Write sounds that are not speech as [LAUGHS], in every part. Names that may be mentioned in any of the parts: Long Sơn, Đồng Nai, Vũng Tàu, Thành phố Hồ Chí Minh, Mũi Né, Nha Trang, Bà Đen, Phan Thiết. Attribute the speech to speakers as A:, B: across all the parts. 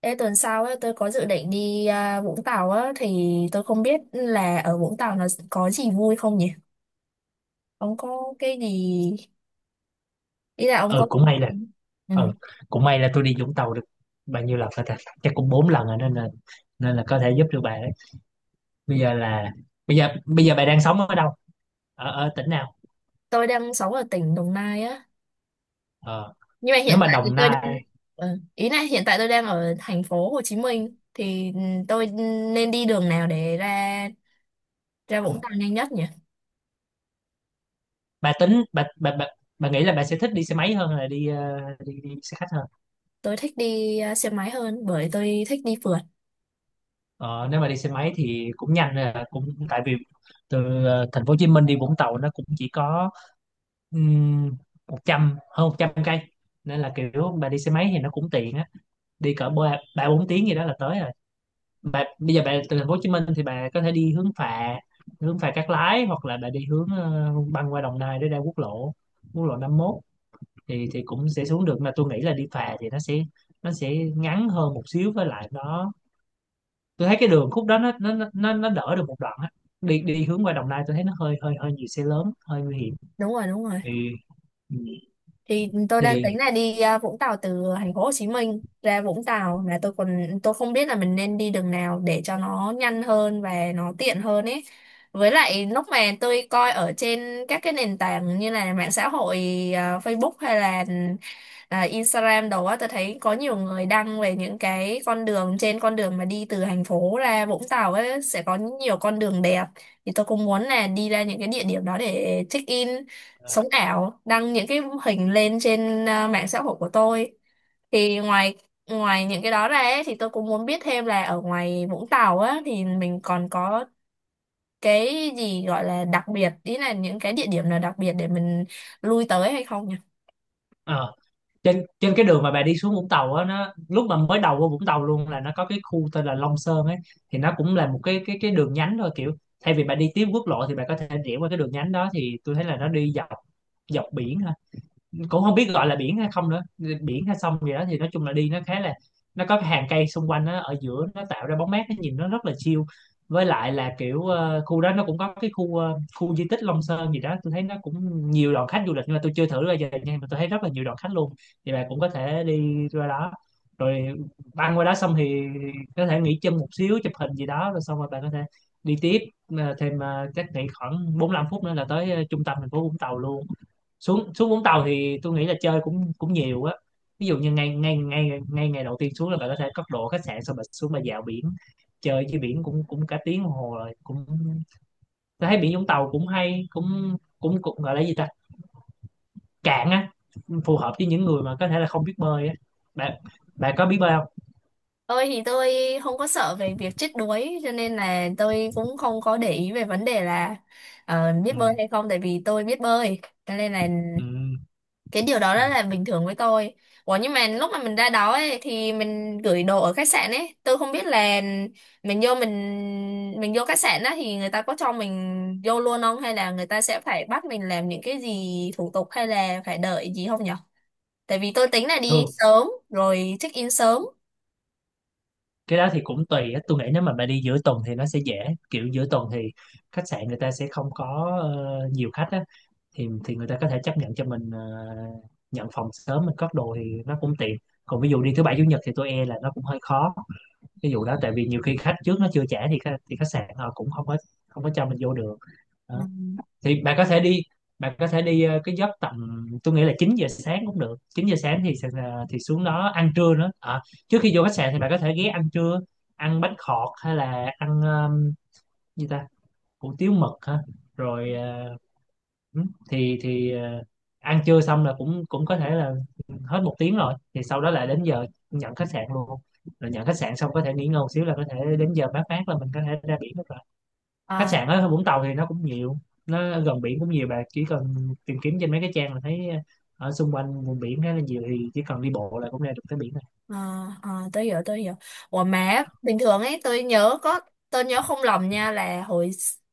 A: Ê, tuần sau ấy, tôi có dự định đi Vũng Tàu á, thì tôi không biết là ở Vũng Tàu nó có gì vui không nhỉ? Ông có cái gì. Ý là ông
B: ừ
A: có.
B: cũng may là
A: Ừ.
B: ừ cũng may là tôi đi Vũng Tàu được bao nhiêu lần rồi ta, chắc cũng 4 lần rồi, nên là có thể giúp được bà đấy. bây giờ là bây giờ bà đang sống ở đâu, ở ở tỉnh nào?
A: Tôi đang sống ở tỉnh Đồng Nai á.
B: ờ
A: Nhưng mà
B: Nếu
A: hiện
B: mà
A: tại thì
B: Đồng
A: tôi đang.
B: Nai,
A: Ừ. Ý là hiện tại tôi đang ở thành phố Hồ Chí Minh. Thì tôi nên đi đường nào để ra ra Vũng Tàu nhanh nhất nhỉ?
B: bà tính bà nghĩ là bà sẽ thích đi xe máy hơn là đi đi xe khách hơn?
A: Tôi thích đi xe máy hơn bởi tôi thích đi phượt.
B: Ờ Nếu mà đi xe máy thì cũng nhanh là, cũng tại vì từ thành phố Hồ Chí Minh đi Vũng Tàu nó cũng chỉ có um, một trăm, hơn 100 cây, nên là kiểu bà đi xe máy thì nó cũng tiện á, đi cỡ ba 3-4 tiếng gì đó là tới rồi. Bây giờ bà từ thành phố Hồ Chí Minh thì bà có thể đi hướng phà, hướng phà Cát Lái, hoặc là bà đi hướng băng qua Đồng Nai để ra quốc lộ 51, thì cũng sẽ xuống được. Mà tôi nghĩ là đi phà thì nó sẽ ngắn hơn một xíu, với lại tôi thấy cái đường khúc đó nó đỡ được một đoạn á. Đi Đi hướng qua Đồng Nai tôi thấy nó hơi hơi hơi nhiều xe lớn, hơi nguy hiểm.
A: Đúng rồi, đúng rồi.
B: thì
A: Thì tôi đang
B: thì
A: tính là đi Vũng Tàu, từ thành phố Hồ Chí Minh ra Vũng Tàu là tôi còn tôi không biết là mình nên đi đường nào để cho nó nhanh hơn và nó tiện hơn ấy. Với lại lúc mà tôi coi ở trên các cái nền tảng như là mạng xã hội, Facebook hay là Instagram đồ á, tôi thấy có nhiều người đăng về những cái con đường, trên con đường mà đi từ thành phố ra Vũng Tàu ấy sẽ có nhiều con đường đẹp, thì tôi cũng muốn là đi ra những cái địa điểm đó để check in, sống ảo, đăng những cái hình lên trên mạng xã hội của tôi. Thì ngoài ngoài những cái đó ra ấy, thì tôi cũng muốn biết thêm là ở ngoài Vũng Tàu á thì mình còn có cái gì gọi là đặc biệt, ý là những cái địa điểm nào đặc biệt để mình lui tới hay không nhỉ?
B: ờ, Trên trên cái đường mà bà đi xuống Vũng Tàu á, nó lúc mà mới đầu vô Vũng Tàu luôn là nó có cái khu tên là Long Sơn ấy. Thì nó cũng là một cái đường nhánh thôi, kiểu thay vì bà đi tiếp quốc lộ thì bà có thể rẽ qua cái đường nhánh đó. Thì tôi thấy là nó đi dọc, dọc biển thôi, cũng không biết gọi là biển hay không nữa, biển hay sông gì đó. Thì nói chung là đi nó khá là, nó có cái hàng cây xung quanh nó ở giữa, nó tạo ra bóng mát, nó nhìn nó rất là chill. Với lại là kiểu khu đó nó cũng có cái khu khu di tích Long Sơn gì đó, tôi thấy nó cũng nhiều đoàn khách du lịch, nhưng mà tôi chưa thử bao giờ, nhưng mà tôi thấy rất là nhiều đoàn khách luôn. Thì bạn cũng có thể đi ra đó, rồi băng qua đó xong thì có thể nghỉ chân một xíu, chụp hình gì đó, rồi xong rồi bạn có thể đi tiếp. Chắc nghỉ khoảng 45 phút nữa là tới trung tâm thành phố Vũng Tàu luôn. Xuống Xuống Vũng Tàu thì tôi nghĩ là chơi cũng cũng nhiều á. Ví dụ như ngay ngay ngay ngay ngày đầu tiên xuống là bạn có thể cất đồ khách sạn xong bạn xuống mà dạo biển, chơi trên biển cũng cũng cả tiếng đồng hồ rồi. Cũng tôi thấy biển Vũng Tàu cũng hay, cũng cũng cũng gọi là gì ta, cạn á, phù hợp với những người mà có thể là không biết bơi á. Bạn Bạn có biết bơi không?
A: Tôi thì tôi không có sợ về việc chết đuối, cho nên là tôi cũng không có để ý về vấn đề là biết
B: Ừ,
A: bơi hay không, tại vì tôi biết bơi, cho nên là
B: ừ,
A: cái điều đó
B: ừ.
A: rất là bình thường với tôi. Ủa, nhưng mà lúc mà mình ra đó ấy, thì mình gửi đồ ở khách sạn ấy, tôi không biết là mình vô mình mình vô khách sạn đó thì người ta có cho mình vô luôn không, hay là người ta sẽ phải bắt mình làm những cái gì thủ tục hay là phải đợi gì không nhở? Tại vì tôi tính là đi
B: Thường
A: sớm rồi check in sớm.
B: cái đó thì cũng tùy á, tôi nghĩ nếu mà bạn đi giữa tuần thì nó sẽ dễ, kiểu giữa tuần thì khách sạn người ta sẽ không có nhiều khách á, thì người ta có thể chấp nhận cho mình nhận phòng sớm, mình cất đồ thì nó cũng tiện. Còn ví dụ đi thứ bảy chủ nhật thì tôi e là nó cũng hơi khó, ví dụ đó, tại vì nhiều khi khách trước nó chưa trả thì khách sạn họ cũng không có, không có cho mình vô được
A: Ừ.
B: đó. Thì bạn có thể đi Bạn có thể đi cái giấc tầm, tôi nghĩ là 9 giờ sáng cũng được, 9 giờ sáng thì sẽ, thì xuống đó ăn trưa nữa, trước khi vô khách sạn thì bạn có thể ghé ăn trưa, ăn bánh khọt hay là ăn gì ta, hủ tiếu mực ha, rồi ừ. thì thì ờ, Ăn trưa xong là cũng cũng có thể là hết 1 tiếng rồi, thì sau đó là đến giờ nhận khách sạn luôn, rồi nhận khách sạn xong có thể nghỉ ngơi một xíu, là có thể đến giờ mát, là mình có thể ra biển được rồi. Khách
A: Ờ,
B: sạn ở Vũng Tàu thì nó cũng nhiều, nó gần biển cũng nhiều, bạn chỉ cần tìm kiếm trên mấy cái trang là thấy ở xung quanh vùng biển khá là nhiều, thì chỉ cần đi bộ là cũng ra được tới biển rồi.
A: ờ tới giờ. Ủa mà bình thường ấy, tôi nhớ không lầm nha, là hồi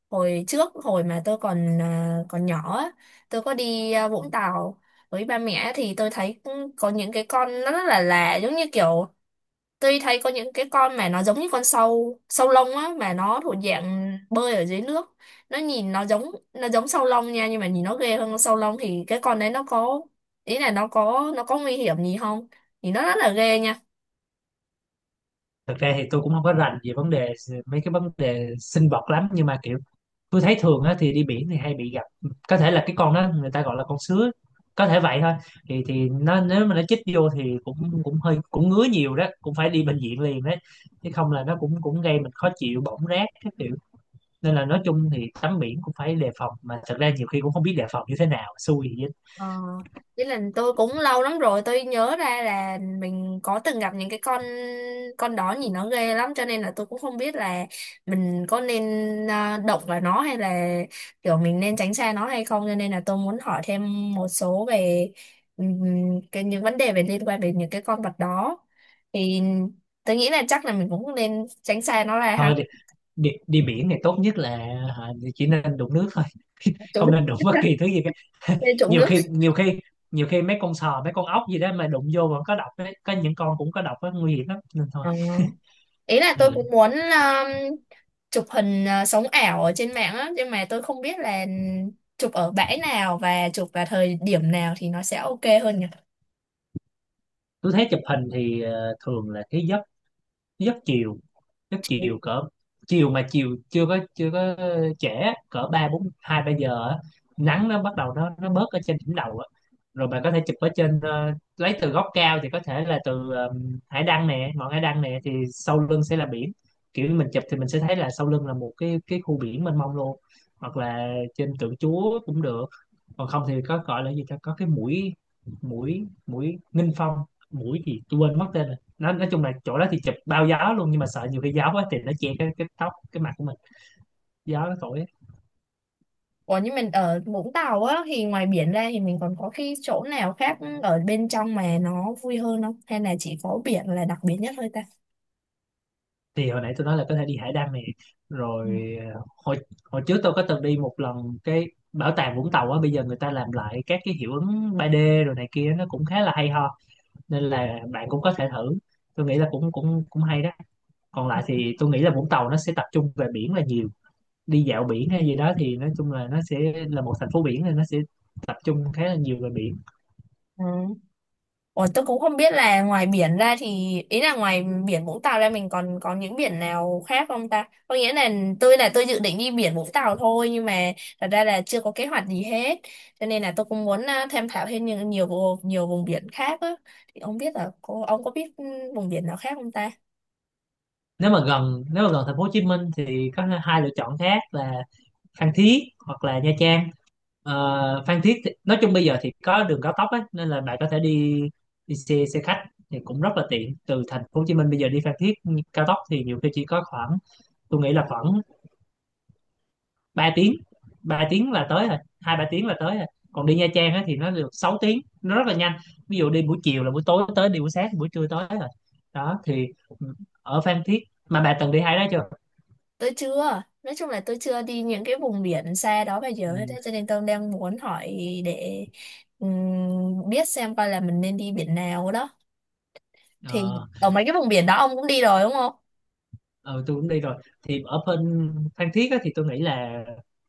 A: hồi trước, hồi mà tôi còn còn nhỏ á, tôi có đi Vũng Tàu với ba mẹ, thì tôi thấy cũng có những cái con nó rất là lạ, giống như kiểu tôi thấy có những cái con mà nó giống như con sâu sâu lông á, mà nó thuộc dạng bơi ở dưới nước. Nó nhìn nó giống sâu lông nha, nhưng mà nhìn nó ghê hơn con sâu lông. Thì cái con đấy nó có, ý là nó có nguy hiểm gì không? Thì nó rất là ghê nha.
B: Thực ra thì tôi cũng không có rành về vấn đề, sinh vật lắm, nhưng mà kiểu tôi thấy thường á, thì đi biển thì hay bị gặp, có thể là cái con đó người ta gọi là con sứa, có thể vậy thôi. Thì nó, nếu mà nó chích vô thì cũng cũng hơi, cũng ngứa nhiều đó, cũng phải đi bệnh viện liền đấy, chứ không là nó cũng cũng gây mình khó chịu, bỏng rát các kiểu, nên là nói chung thì tắm biển cũng phải đề phòng, mà thật ra nhiều khi cũng không biết đề phòng như thế nào, xui vậy.
A: Ờ, với lần tôi cũng lâu lắm rồi, tôi nhớ ra là mình có từng gặp những cái con đó nhìn nó ghê lắm, cho nên là tôi cũng không biết là mình có nên động vào nó hay là kiểu mình nên tránh xa nó hay không, cho nên là tôi muốn hỏi thêm một số về cái những vấn đề về liên quan đến những cái con vật đó. Thì tôi nghĩ là chắc là mình cũng nên tránh xa nó ra ha.
B: Thôi đi, đi Đi biển thì tốt nhất là, hả, chỉ nên đụng nước thôi, [LAUGHS] không
A: Trốn-
B: nên đụng bất
A: [LAUGHS]
B: kỳ thứ gì cả.
A: Nên
B: [LAUGHS]
A: trộm
B: nhiều
A: nước.
B: khi nhiều khi Nhiều khi mấy con sò, mấy con ốc gì đó mà đụng vô vẫn có độc ấy, có những con cũng có độc ấy, nguy hiểm lắm, nên thôi.
A: Ờ. Ý là tôi
B: Ừ.
A: cũng muốn chụp hình, sống ảo ở trên mạng á, nhưng mà tôi không biết là chụp ở bãi nào và chụp vào thời điểm nào thì nó sẽ ok hơn nhỉ?
B: Tôi thấy chụp hình thì thường là cái giấc, giấc chiều. Chắc chiều cỡ, chiều mà chiều chưa có trễ, cỡ ba bốn, 2-3 giờ á, nắng nó bắt đầu nó bớt ở trên đỉnh đầu á. Rồi bạn có thể chụp ở trên lấy từ góc cao, thì có thể là từ hải đăng nè, ngọn hải đăng nè, thì sau lưng sẽ là biển, kiểu như mình chụp thì mình sẽ thấy là sau lưng là một cái khu biển mênh mông luôn. Hoặc là trên tượng Chúa cũng được. Còn không thì có gọi là gì ta, có cái mũi, mũi Nghinh Phong, mũi gì tôi quên mất tên rồi. Nó nói chung là chỗ đó thì chụp bao gió luôn, nhưng mà sợ nhiều khi gió quá thì nó che cái tóc cái mặt của mình, gió nó thổi á.
A: Ủa nhưng mình ở Vũng Tàu á thì ngoài biển ra thì mình còn có cái chỗ nào khác ở bên trong mà nó vui hơn không, hay là chỉ có biển là đặc biệt nhất thôi ta?
B: Thì hồi nãy tôi nói là có thể đi hải đăng này,
A: Ừ.
B: rồi ờ, hồi hồi trước tôi có từng đi một lần cái bảo tàng Vũng Tàu á, bây giờ người ta làm lại các cái hiệu ứng 3D rồi này kia, nó cũng khá là hay ho, nên là bạn cũng có thể thử, tôi nghĩ là cũng cũng cũng hay đó. Còn lại thì tôi nghĩ là Vũng Tàu nó sẽ tập trung về biển là nhiều, đi dạo biển hay gì đó, thì nói chung là nó sẽ là một thành phố biển thì nó sẽ tập trung khá là nhiều về biển.
A: Ừ. Ủa, tôi cũng không biết là ngoài biển ra thì, ý là ngoài biển Vũng Tàu ra mình còn có những biển nào khác không ta? Có nghĩa là tôi dự định đi biển Vũng Tàu thôi, nhưng mà thật ra là chưa có kế hoạch gì hết. Cho nên là tôi cũng muốn tham khảo thêm nhiều nhiều nhiều vùng biển khác á. Thì không biết là ông có biết vùng biển nào khác không ta?
B: Nếu mà gần thành phố Hồ Chí Minh thì có 2 lựa chọn khác là Phan Thiết hoặc là Nha Trang. Ờ, Phan Thiết thì, nói chung bây giờ thì có đường cao tốc ấy, nên là bạn có thể đi đi xe xe khách thì cũng rất là tiện. Từ thành phố Hồ Chí Minh bây giờ đi Phan Thiết cao tốc thì nhiều khi chỉ có khoảng, tôi nghĩ là khoảng 3 tiếng 3 tiếng là tới rồi, 2-3 tiếng là tới rồi. Còn đi Nha Trang á, thì nó được 6 tiếng, nó rất là nhanh, ví dụ đi buổi chiều là buổi tối tới, đi buổi sáng thì buổi trưa tới rồi, đó thì ừ, ở Phan Thiết mà bà từng đi hai đó chưa?
A: Tôi chưa. Nói chung là tôi chưa đi những cái vùng biển xa đó bao giờ hết á.
B: Ừ.
A: Cho nên tôi đang muốn hỏi để biết xem coi là mình nên đi biển nào đó. Thì
B: Ờ,
A: ở mấy cái vùng biển đó ông cũng đi rồi đúng không?
B: ừ, tôi cũng đi rồi. Thì ở bên Phan Thiết á, thì tôi nghĩ là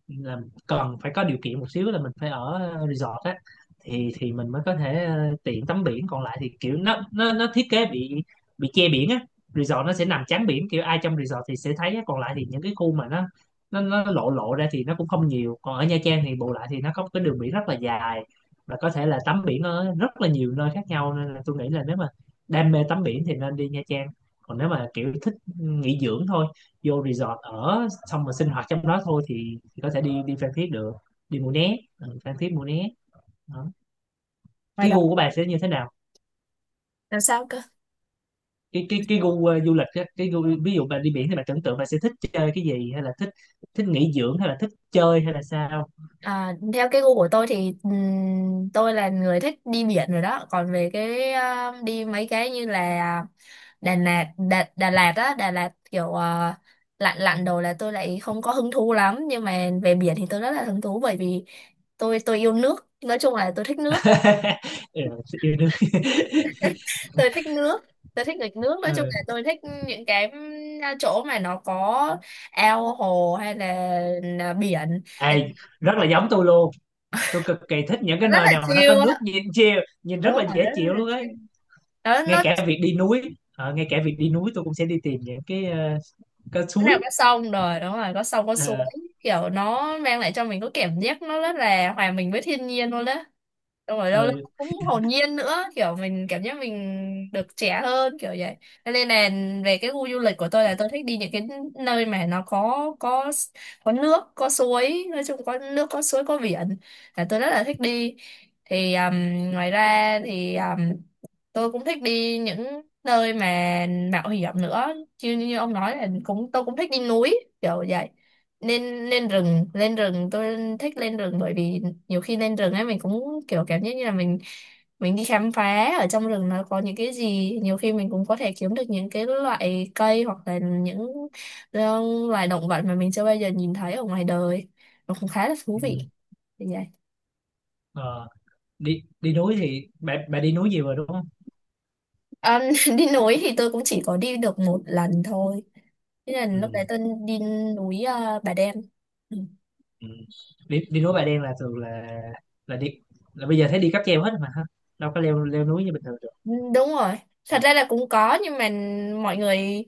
B: là cần phải có điều kiện một xíu là mình phải ở resort á, thì mình mới có thể tiện tắm biển. Còn lại thì kiểu nó thiết kế bị che biển á, resort nó sẽ nằm chắn biển, kiểu ai trong resort thì sẽ thấy á. Còn lại thì những cái khu mà nó lộ, lộ ra thì nó cũng không nhiều. Còn ở Nha Trang thì bù lại thì nó có một cái đường biển rất là dài, và có thể là tắm biển ở rất là nhiều nơi khác nhau, nên là tôi nghĩ là nếu mà đam mê tắm biển thì nên đi Nha Trang. Còn nếu mà kiểu thích nghỉ dưỡng thôi, vô resort ở xong rồi sinh hoạt trong đó thôi, thì có thể đi đi Phan Thiết được, đi Mũi Né, Phan Thiết Mũi Né đó.
A: Ngoài
B: Cái
A: đó.
B: gu của bạn sẽ như thế nào?
A: Làm sao cơ?
B: Cái gu du lịch á, cái gu ví dụ bạn đi biển thì bạn tưởng tượng bạn sẽ thích chơi cái gì, hay là thích, nghỉ dưỡng, hay là thích chơi, hay là sao?
A: À, theo cái gu của tôi thì tôi là người thích đi biển rồi đó, còn về cái đi mấy cái như là Đà Lạt Đà, Đà Lạt á Đà Lạt kiểu lặn lặn đồ là tôi lại không có hứng thú lắm, nhưng mà về biển thì tôi rất là hứng thú, bởi vì tôi yêu nước, nói chung là tôi thích nước.
B: [LAUGHS] ừ, yêu đương. [LAUGHS]
A: Tôi thích nước, tôi thích nghịch nước, nói chung
B: Ừ.
A: là tôi thích những cái chỗ mà nó có ao hồ hay là biển,
B: À,
A: tại vì
B: rất là giống tôi luôn, tôi cực kỳ thích những
A: nó
B: cái
A: rất
B: nơi
A: là
B: nào mà nó có
A: chill
B: nước,
A: á.
B: nhìn chiều nhìn rất
A: Đúng
B: là
A: rồi, rất,
B: dễ
A: rất
B: chịu
A: là
B: luôn á.
A: chill.
B: Ngay
A: Nó
B: cả việc đi núi, tôi cũng sẽ đi tìm những cái cái
A: Cái nào
B: suối.
A: có sông, rồi đúng rồi, có sông có suối,
B: Ờ,
A: kiểu nó mang lại cho mình có cảm giác nó rất là hòa mình với thiên nhiên luôn đó. Đúng rồi đâu,
B: ờ,
A: cũng hồn nhiên nữa, kiểu mình cảm giác mình được trẻ hơn kiểu vậy. Cho nên là về cái gu du lịch của tôi là tôi thích đi những cái nơi mà nó có nước có suối, nói chung có nước có suối có biển là tôi rất là thích đi. Thì ngoài ra thì tôi cũng thích đi những nơi mà mạo hiểm nữa, chứ như ông nói là cũng tôi cũng thích đi núi kiểu vậy, nên lên rừng tôi thích lên rừng, bởi vì nhiều khi lên rừng ấy mình cũng kiểu cảm giác như là mình đi khám phá ở trong rừng, nó có những cái gì nhiều khi mình cũng có thể kiếm được những cái loại cây hoặc là những ờ, loài động vật mà mình chưa bao giờ nhìn thấy ở ngoài đời, nó cũng khá là thú
B: ừ,
A: vị như vậy.
B: ờ, đi đi núi thì bà đi núi gì rồi đúng không?
A: Ờ, [LAUGHS] đi núi thì tôi cũng chỉ có đi được một lần thôi. Thế là
B: Ừ,
A: lúc đấy tôi đi núi Bà Đen. Ừ.
B: ừ. đi Đi núi Bà Đen là thường là đi, là bây giờ thấy đi cáp treo hết mà ha, đâu có leo, núi như bình thường được.
A: Đúng rồi, thật ra là cũng có nhưng mà mọi người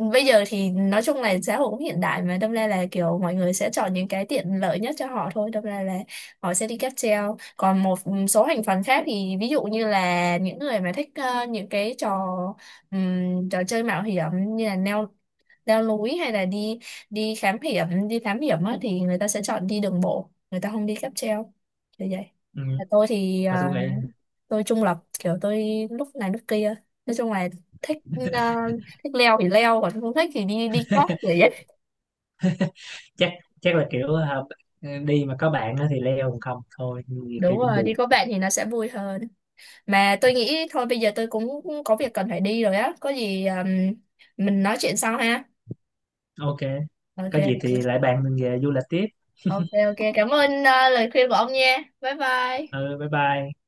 A: bây giờ thì nói chung là xã hội cũng hiện đại, mà đâm ra là kiểu mọi người sẽ chọn những cái tiện lợi nhất cho họ thôi, đâm ra là họ sẽ đi cáp treo, còn một số thành phần khác thì ví dụ như là những người mà thích những cái trò trò chơi mạo hiểm, như là leo leo núi, hay là đi đi khám hiểm đi thám hiểm á, thì người ta sẽ chọn đi đường bộ, người ta không đi cáp treo như vậy.
B: Ừ.
A: Và tôi thì
B: Mà tôi nghĩ
A: tôi trung lập, kiểu tôi lúc này lúc kia, nói chung là thích ờ, thích leo thì leo, còn không thích thì đi đi cót vậy ấy.
B: chắc chắc là kiểu đi mà có bạn á thì leo, còn không thôi nhiều khi
A: Đúng
B: cũng
A: rồi, đi
B: buồn.
A: có bạn thì nó sẽ vui hơn. Mà tôi nghĩ thôi bây giờ tôi cũng có việc cần phải đi rồi á, có gì mình nói chuyện sau ha.
B: Ok,
A: OK.
B: có gì thì lại bàn mình về du lịch tiếp.
A: OK, OK, cảm ơn lời khuyên của ông nha, bye bye.
B: Ừ, bye bye.